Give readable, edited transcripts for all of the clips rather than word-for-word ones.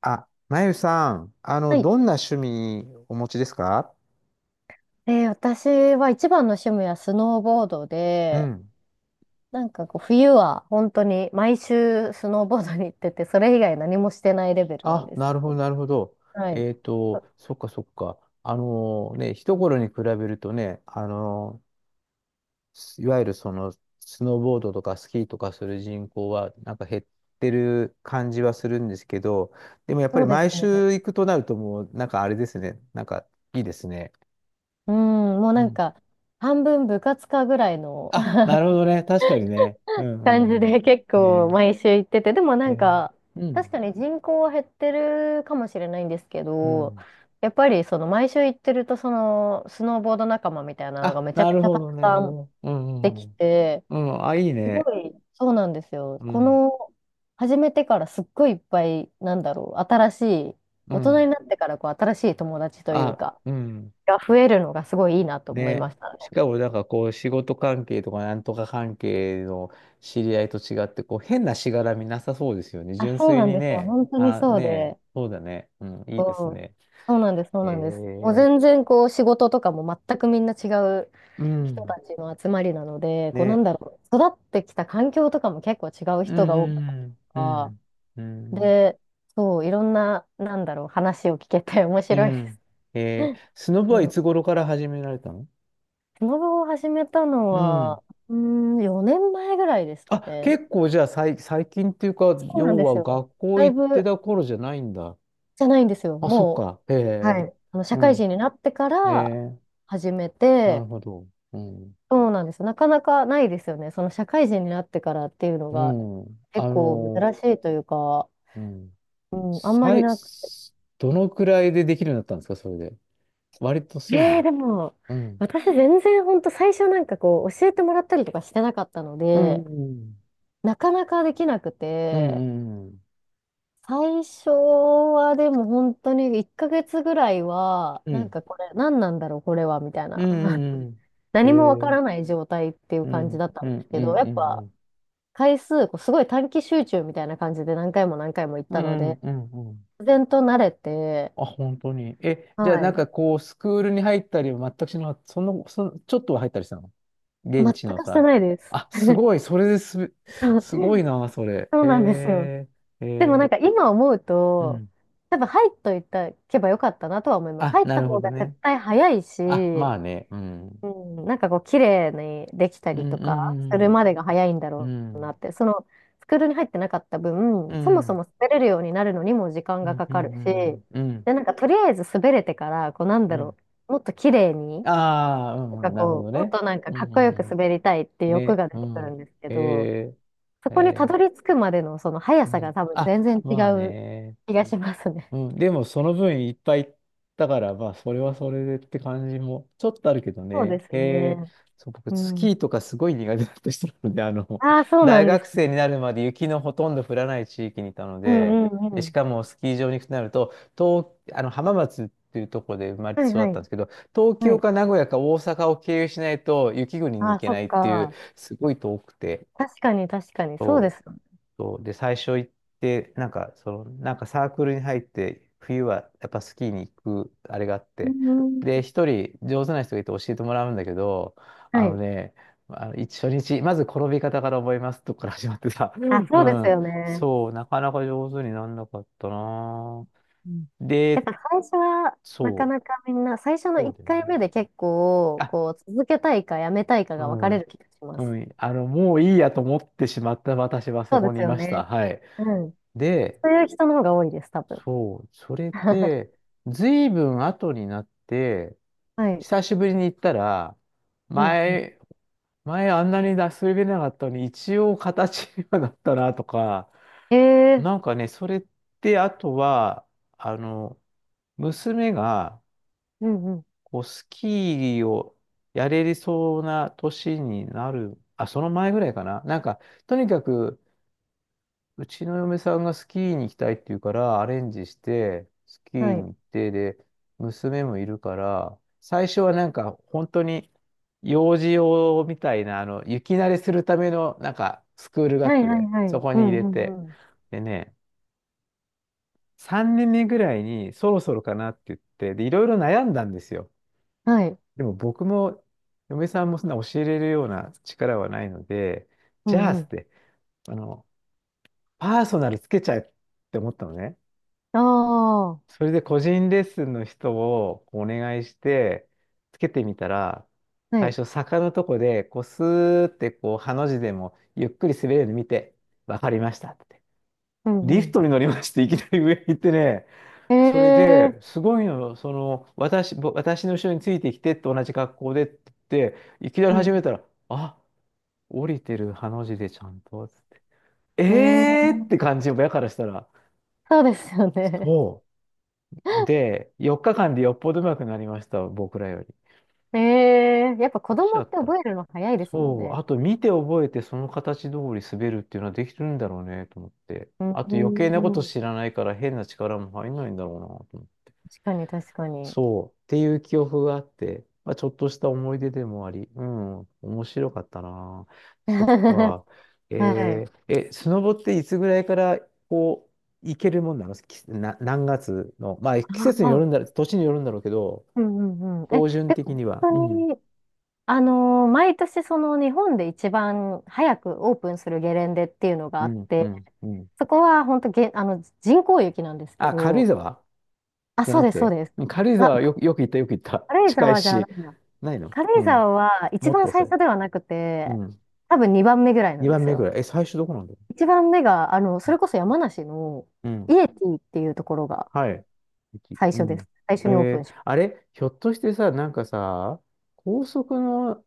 あ、まゆさん、はい。どんな趣味お持ちですか？私は一番の趣味はスノーボードうで、ん。なんかこう冬は本当に毎週スノーボードに行ってて、それ以外何もしてないレベルなんあ、です。なるほど、なるほど。はい。あ、そっか、そっか。あのね、一頃に比べるとね、あのすいわゆるスノーボードとかスキーとかする人口は、なんか減ってる感じはするんですけど、でもやっぱそりうです毎ね。週行くとなるともう、なんかあれですね、なんかいいですね。うん、もううなんん。か半分部活かぐらいの あ、なるほどね。確かにね。うんう感じんうん。で結構ね毎週行ってて、でもなえ。んかう確ん。かに人口は減ってるかもしれないんですけうど、ん。やっぱりその毎週行ってるとそのスノーボード仲間みたいなのがあ、めちゃなめちるゃほたくど、なるほさんど。うでん、うきん。て、うん、あ、いいすごね。い、そうなんですよ。うこん、の、始めてからすっごいいっぱい、なんだろう、新しい、う大人にん。なってからこう新しい友達というあ、か、うん。が増えるのがすごいいいなと思いまね。したしね。かも、なんかこう、仕事関係とか、なんとか関係の知り合いと違って、こう、変なしがらみなさそうですよね。あ、純そう粋なんにですよ。ね。本当にあ、そうね。で、そうだね。うん、いいですこう、ね。そうなんです、そうへなんです。もうえ。全然こう仕事とかも全くみんな違うう人ん。たちの集まりなので、こうなんね。だろう、育ってきた環境とかも結構違うう人が多くん、うん、うん。うて、ん。で、そう、いろんな、なんだろう、話を聞けて面う白いでん。す。スノボうはいん。つ頃から始められたの？スノボを始めたのうん。は、4年前ぐらいですかあ、ね。結構じゃあ最近っていうか、そうなん要ですはよ。学校だい行ってぶた頃じゃないんだ。じゃないんですよ。あ、そっもか。へう、はえ。い。社う会ん。人になってかへらえ。始めなるて、ほど。うん。そうなんです。なかなかないですよね。その社会人になってからっていうのうがん。結構珍しいというか、うん。うん、あんまり最、なく。どのくらいでできるようになったんですか、それで？割とすぐ？でも、うん。私全然ほんと最初なんかこう教えてもらったりとかしてなかったのうで、ん。なかなかできなくうん。うて、ん。うん。最初はでも本当に1ヶ月ぐらいは、うなんん。かこれ、何なんだろう、これは、みたいうな。ん。うん うん。へ何もわかえ。らない状態っていうう感じん。だったうんでん。すうけん。ど、やっうぱん。回数、こうすごい短期集中みたいな感じで何回も何回も行っうたのん。うで、ん。うん。うん、自然と慣れて、あ、本当に？え、はじゃあなんい。かこう、スクールに入ったりは全くしなかった？ちょっとは入ったりしたの？現全地のくしてさ。ないです。あ、すごい。それですすごいな、そ れ。そうなんですよ。へえ、へでもなんえ、か今思ううと、ん。多分入っといたけばよかったなとは思います。あ、入っなたるほ方どが絶ね。対早いし、あ、まあね。ううん。ん、なんかこう綺麗にできたうりん、とうかん、するまでが早いんだうろん、ううなん、って、そのスクールに入ってなかった分、うそもそん、も滑れるようになるのにも時間うがん、かうかるし、ん、うん、うん。で、なんかとりあえず滑れてから、こうなんうだろん、う、もっと綺麗に、ああー、うなんかん、なるほこどう、もっね。となんかうかん、っうこよくん、滑うりたいっていうん、欲ね、が出うてくるん。んですけへど、え、そへこにたえ、どり着くまでのその速うさがん。多分あ、全然違まあうね。気がしますね。うん、でもその分いっぱい行ったから、まあそれはそれでって感じもちょっとあるけどそうでね。すへえ、ね。そう、僕うスん。キーとかすごい苦手だった人なので、ああ、そうな大んです学ね。生になるまで雪のほとんど降らない地域にいたのうで、んうんうで、しん。かもスキー場に行くとなると、東、あの浜松っていうところで生まれてはい育っはたんでい。すけど、東は京い。か名古屋か大阪を経由しないと雪国に行あ、けそなっいっていう、か。すごい遠くて。確かに、確かに。そうですよね。そうで、最初行って、サークルに入って、冬はやっぱスキーに行く、あれがあっうて、んうで、ん。一人上手な人がいて教えてもらうんだけど、あはのい。ね、あの一初日、まず転び方から覚えますとこか ら始まってさ、うあ、そうですん、よね。そう、なかなか上手になんなかったなぁ。うん。やっで、ぱ最初は、なかそなかみんな、最初う、のそう1だよ回目ね。で結構、あ、こう、続けたいかやめたいかうが分かん、れる気がしまうす。ん、もういいやと思ってしまった私はそそうでこにすいよました。ね。はい。うん。で、そういう人の方が多いです、多分。そう、それ で、ずいぶん後になって、はい。久しぶりに行ったら、うん、うん。前、前あんなに出し入れなかったのに、一応形にはなったなとか、ええ、なんかね、それって、あとは、あの、娘が、うんうん。こう、スキーをやれそうな年になる、あ、その前ぐらいかな。なんか、とにかく、うちの嫁さんがスキーに行きたいって言うから、アレンジして、スキーはにい。行って、で、娘もいるから、最初はなんか、本当に、幼児用みたいな、雪慣れするための、なんか、スクールがあはっいはいて、はそい。こうに入んれうて。んうん。でね、3年目ぐらいに、そろそろかなって言って、で、いろいろ悩んだんですよ。はい。でも僕も、嫁さんもそんな教えれるような力はないので、うじゃあ、んつうっん。て、あの、パーソナルつけちゃえって思ったのね。ああ。それで個人レッスンの人をお願いして、つけてみたら、は最い。初坂のとこで、こうスーってこう、ハの字でもゆっくり滑れるの見て、わかりましたって。うリんうフん。トに乗りまして、いきなり上に行ってね、それええ、で、すごいの、その、私の後ろについてきてって同じ格好でって言って、いきなうり始めん。たら、あ、降りてるハの字でちゃんと、つって、ええーってえ 感じ、親からしたら、そうですよね。そう。で、4日間でよっぽど上手くなりました、僕らより。ええ、やっぱ子できち供ゃっってた。覚えるの早いですもんそう、ね。あと見て覚えてその形通り滑るっていうのはできてるんだろうね、と思って。うあと余計なことん。知らないから変な力も入んないんだろうな、と思って。確かに、確かに。そう、っていう記憶があって、まあ、ちょっとした思い出でもあり、うん、面白かったな。そっ か。はえい。ーえ、スノボっていつぐらいからこう、行けるもんなのきな、何月の、まあ季あ節によあ、るんだろう、年によるんだろうけど、うんうんうん。え、標準で的もには。う本ん。当に、毎年その日本で一番早くオープンするゲレンデっていうのがうあっん、うて、ん、うん。そこは本当げ、あの、人工雪なんですけあ、軽井ど、沢あ、じゃそうなくです、そうて。です。うん、軽井あ、沢はよく、よく行った、よく行った。軽井近い沢じゃなし。いな。ないの、軽う井ん。沢は一もっ番と最遅い。初ではなくうて、ん。多分2番目ぐらいなん2で番す目ぐよ。らい。え、最初どこなんだろ一番目が、それこそ山梨のう？うイん。エティっていうところがはい。駅、最う初です。ん。最え初にオープー、ンし。あれひょっとしてさ、なんかさ、高速の、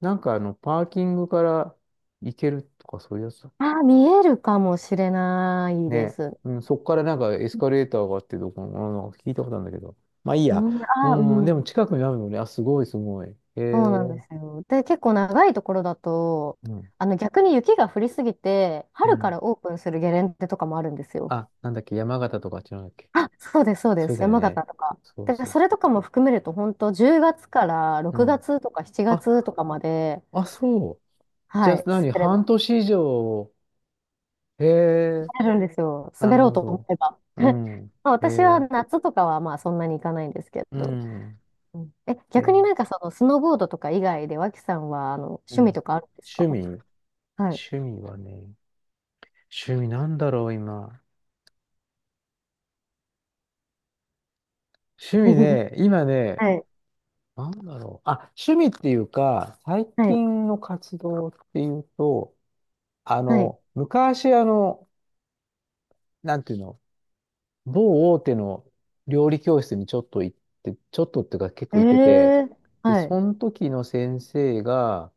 パーキングから行けるとかそういうやつだっけ？ああー、見えるかもしれないでね、す。うん、そっからなんかエスカレーターがあってどこの、なんか聞いたことあるんだけど。まあいいうや。ん、ああ、ううん、でもん。近くにあるのね。あ、すごいすごい。へそえ。うなんですよ。で、結構長いところだと、うん。逆に雪が降りすぎて、う春かん。らオープンするゲレンデとかもあるんですよ。あ、なんだっけ、山形とかあっちなんだっけ？あ、そうです、そうでそうす。だよ山形ね。とか。そうだからそうそそれとかも含めると、本当10月からう。う6ん。月とか7月あ、とかまで、あ、そう。じゃはあい、何、滑れ半年以上？へえ。あるんですよ。な滑るろうほと思ど。えば。う ん。まあへ私はえ。夏とかはまあそんなに行かないんですけうど。ん。うん。え、へ逆にえ。なんかそのスノーボードとか以外で脇さんはう趣味ん。とかあるんです趣か？味？はい。趣味はね。趣味なんだろう、今。趣味 ね、今ね、はい。なんだろう。あ、趣味っていうか、最はい。近の活動っていうと、はい。昔、なんていうの、某大手の料理教室にちょっと行って、ちょっとっていうか結え構行ってて、えー、で、はい。その時の先生が、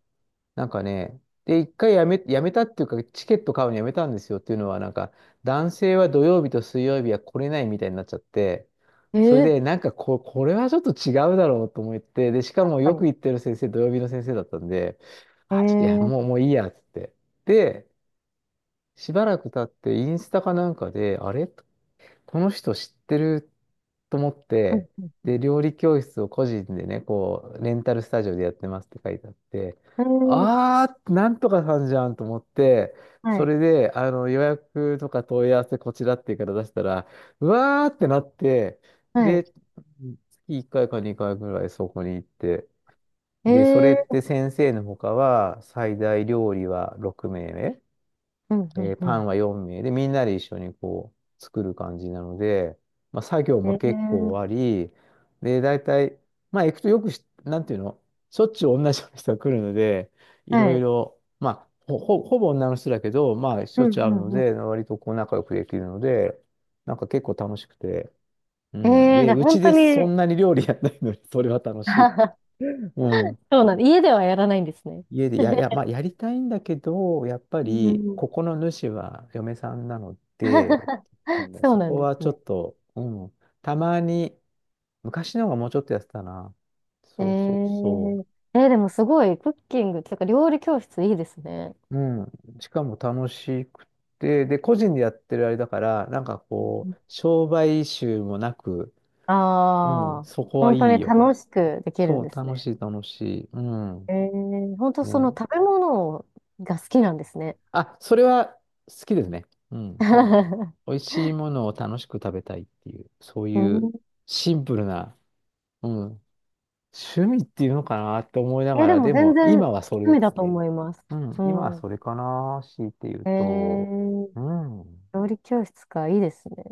なんかね、で、一回やめ、やめたっていうか、チケット買うのやめたんですよっていうのは、なんか、男性は土曜日と水曜日は来れないみたいになっちゃって、えそれえー、で、これはちょっと違うだろうと思って、で、しか確もかよに。く行ってる先生、土曜日の先生だったんで、ええあ、ちょっといや、もう、ー、もういいや、つって。で、しばらく経って、インスタかなんかで、あれ？この人知ってると思っうて、ん、で、料理教室を個人でね、こう、レンタルスタジオでやってますって書いてあって、えー、あー、なんとかさんじゃんと思って、はそい。れで、予約とか問い合わせこちらっていうから出したら、うわーってなって、はい。で、月1回か2回ぐらいそこに行って、で、それえってえ先生の他は、最大料理は6名目。ー、うんうんパうンん。は4名で、みんなで一緒にこう、作る感じなので、まあ、作業えもえ結ー、構あり、で、大体、まあ、行くとよくし、なんていうの、しょっちゅう同じような人が来るので、いはろいい。ろ、まあ、ほぼ女の人だけど、まあ、しうょんっちゅうう会うのんうん。で、割とこう、仲良くできるので、なんか結構楽しくて、うえん。えー、じで、ゃあう本ち当でそに んなに料理やんないのに、それは楽しいって。うん。そうなんだ。家ではやらないんですね。家でや、いや、まあ、やりたいんだけど、やっぱうり、ん ここの主は嫁さんなので、うん、そうそなこんではすちょっね。と、うん、たまに、昔の方がもうちょっとやってたな。えそうそうそー、でもすごい、クッキングとか料理教室いいですね。う。うん。しかも楽しくて、で、個人でやってるあれだから、なんかこう、商売臭もなく、うあん、あー、そこは本当いにい楽よ。しくできるそんう、です楽ね。しい楽しい。うえん。ー、本当そのね。食べ物が好きなんですね。あ、それは好きですね。うん。美味しいものを楽しく食べたいっていう、そう ういうん。シンプルな、うん、趣味っていうのかなって思いなえがー、でら、もで全も然今趣はそれ味でだすとね。思います。うん、う今はん。それかな、強いて言うえと、ー、うん。料理教室か、いいですね。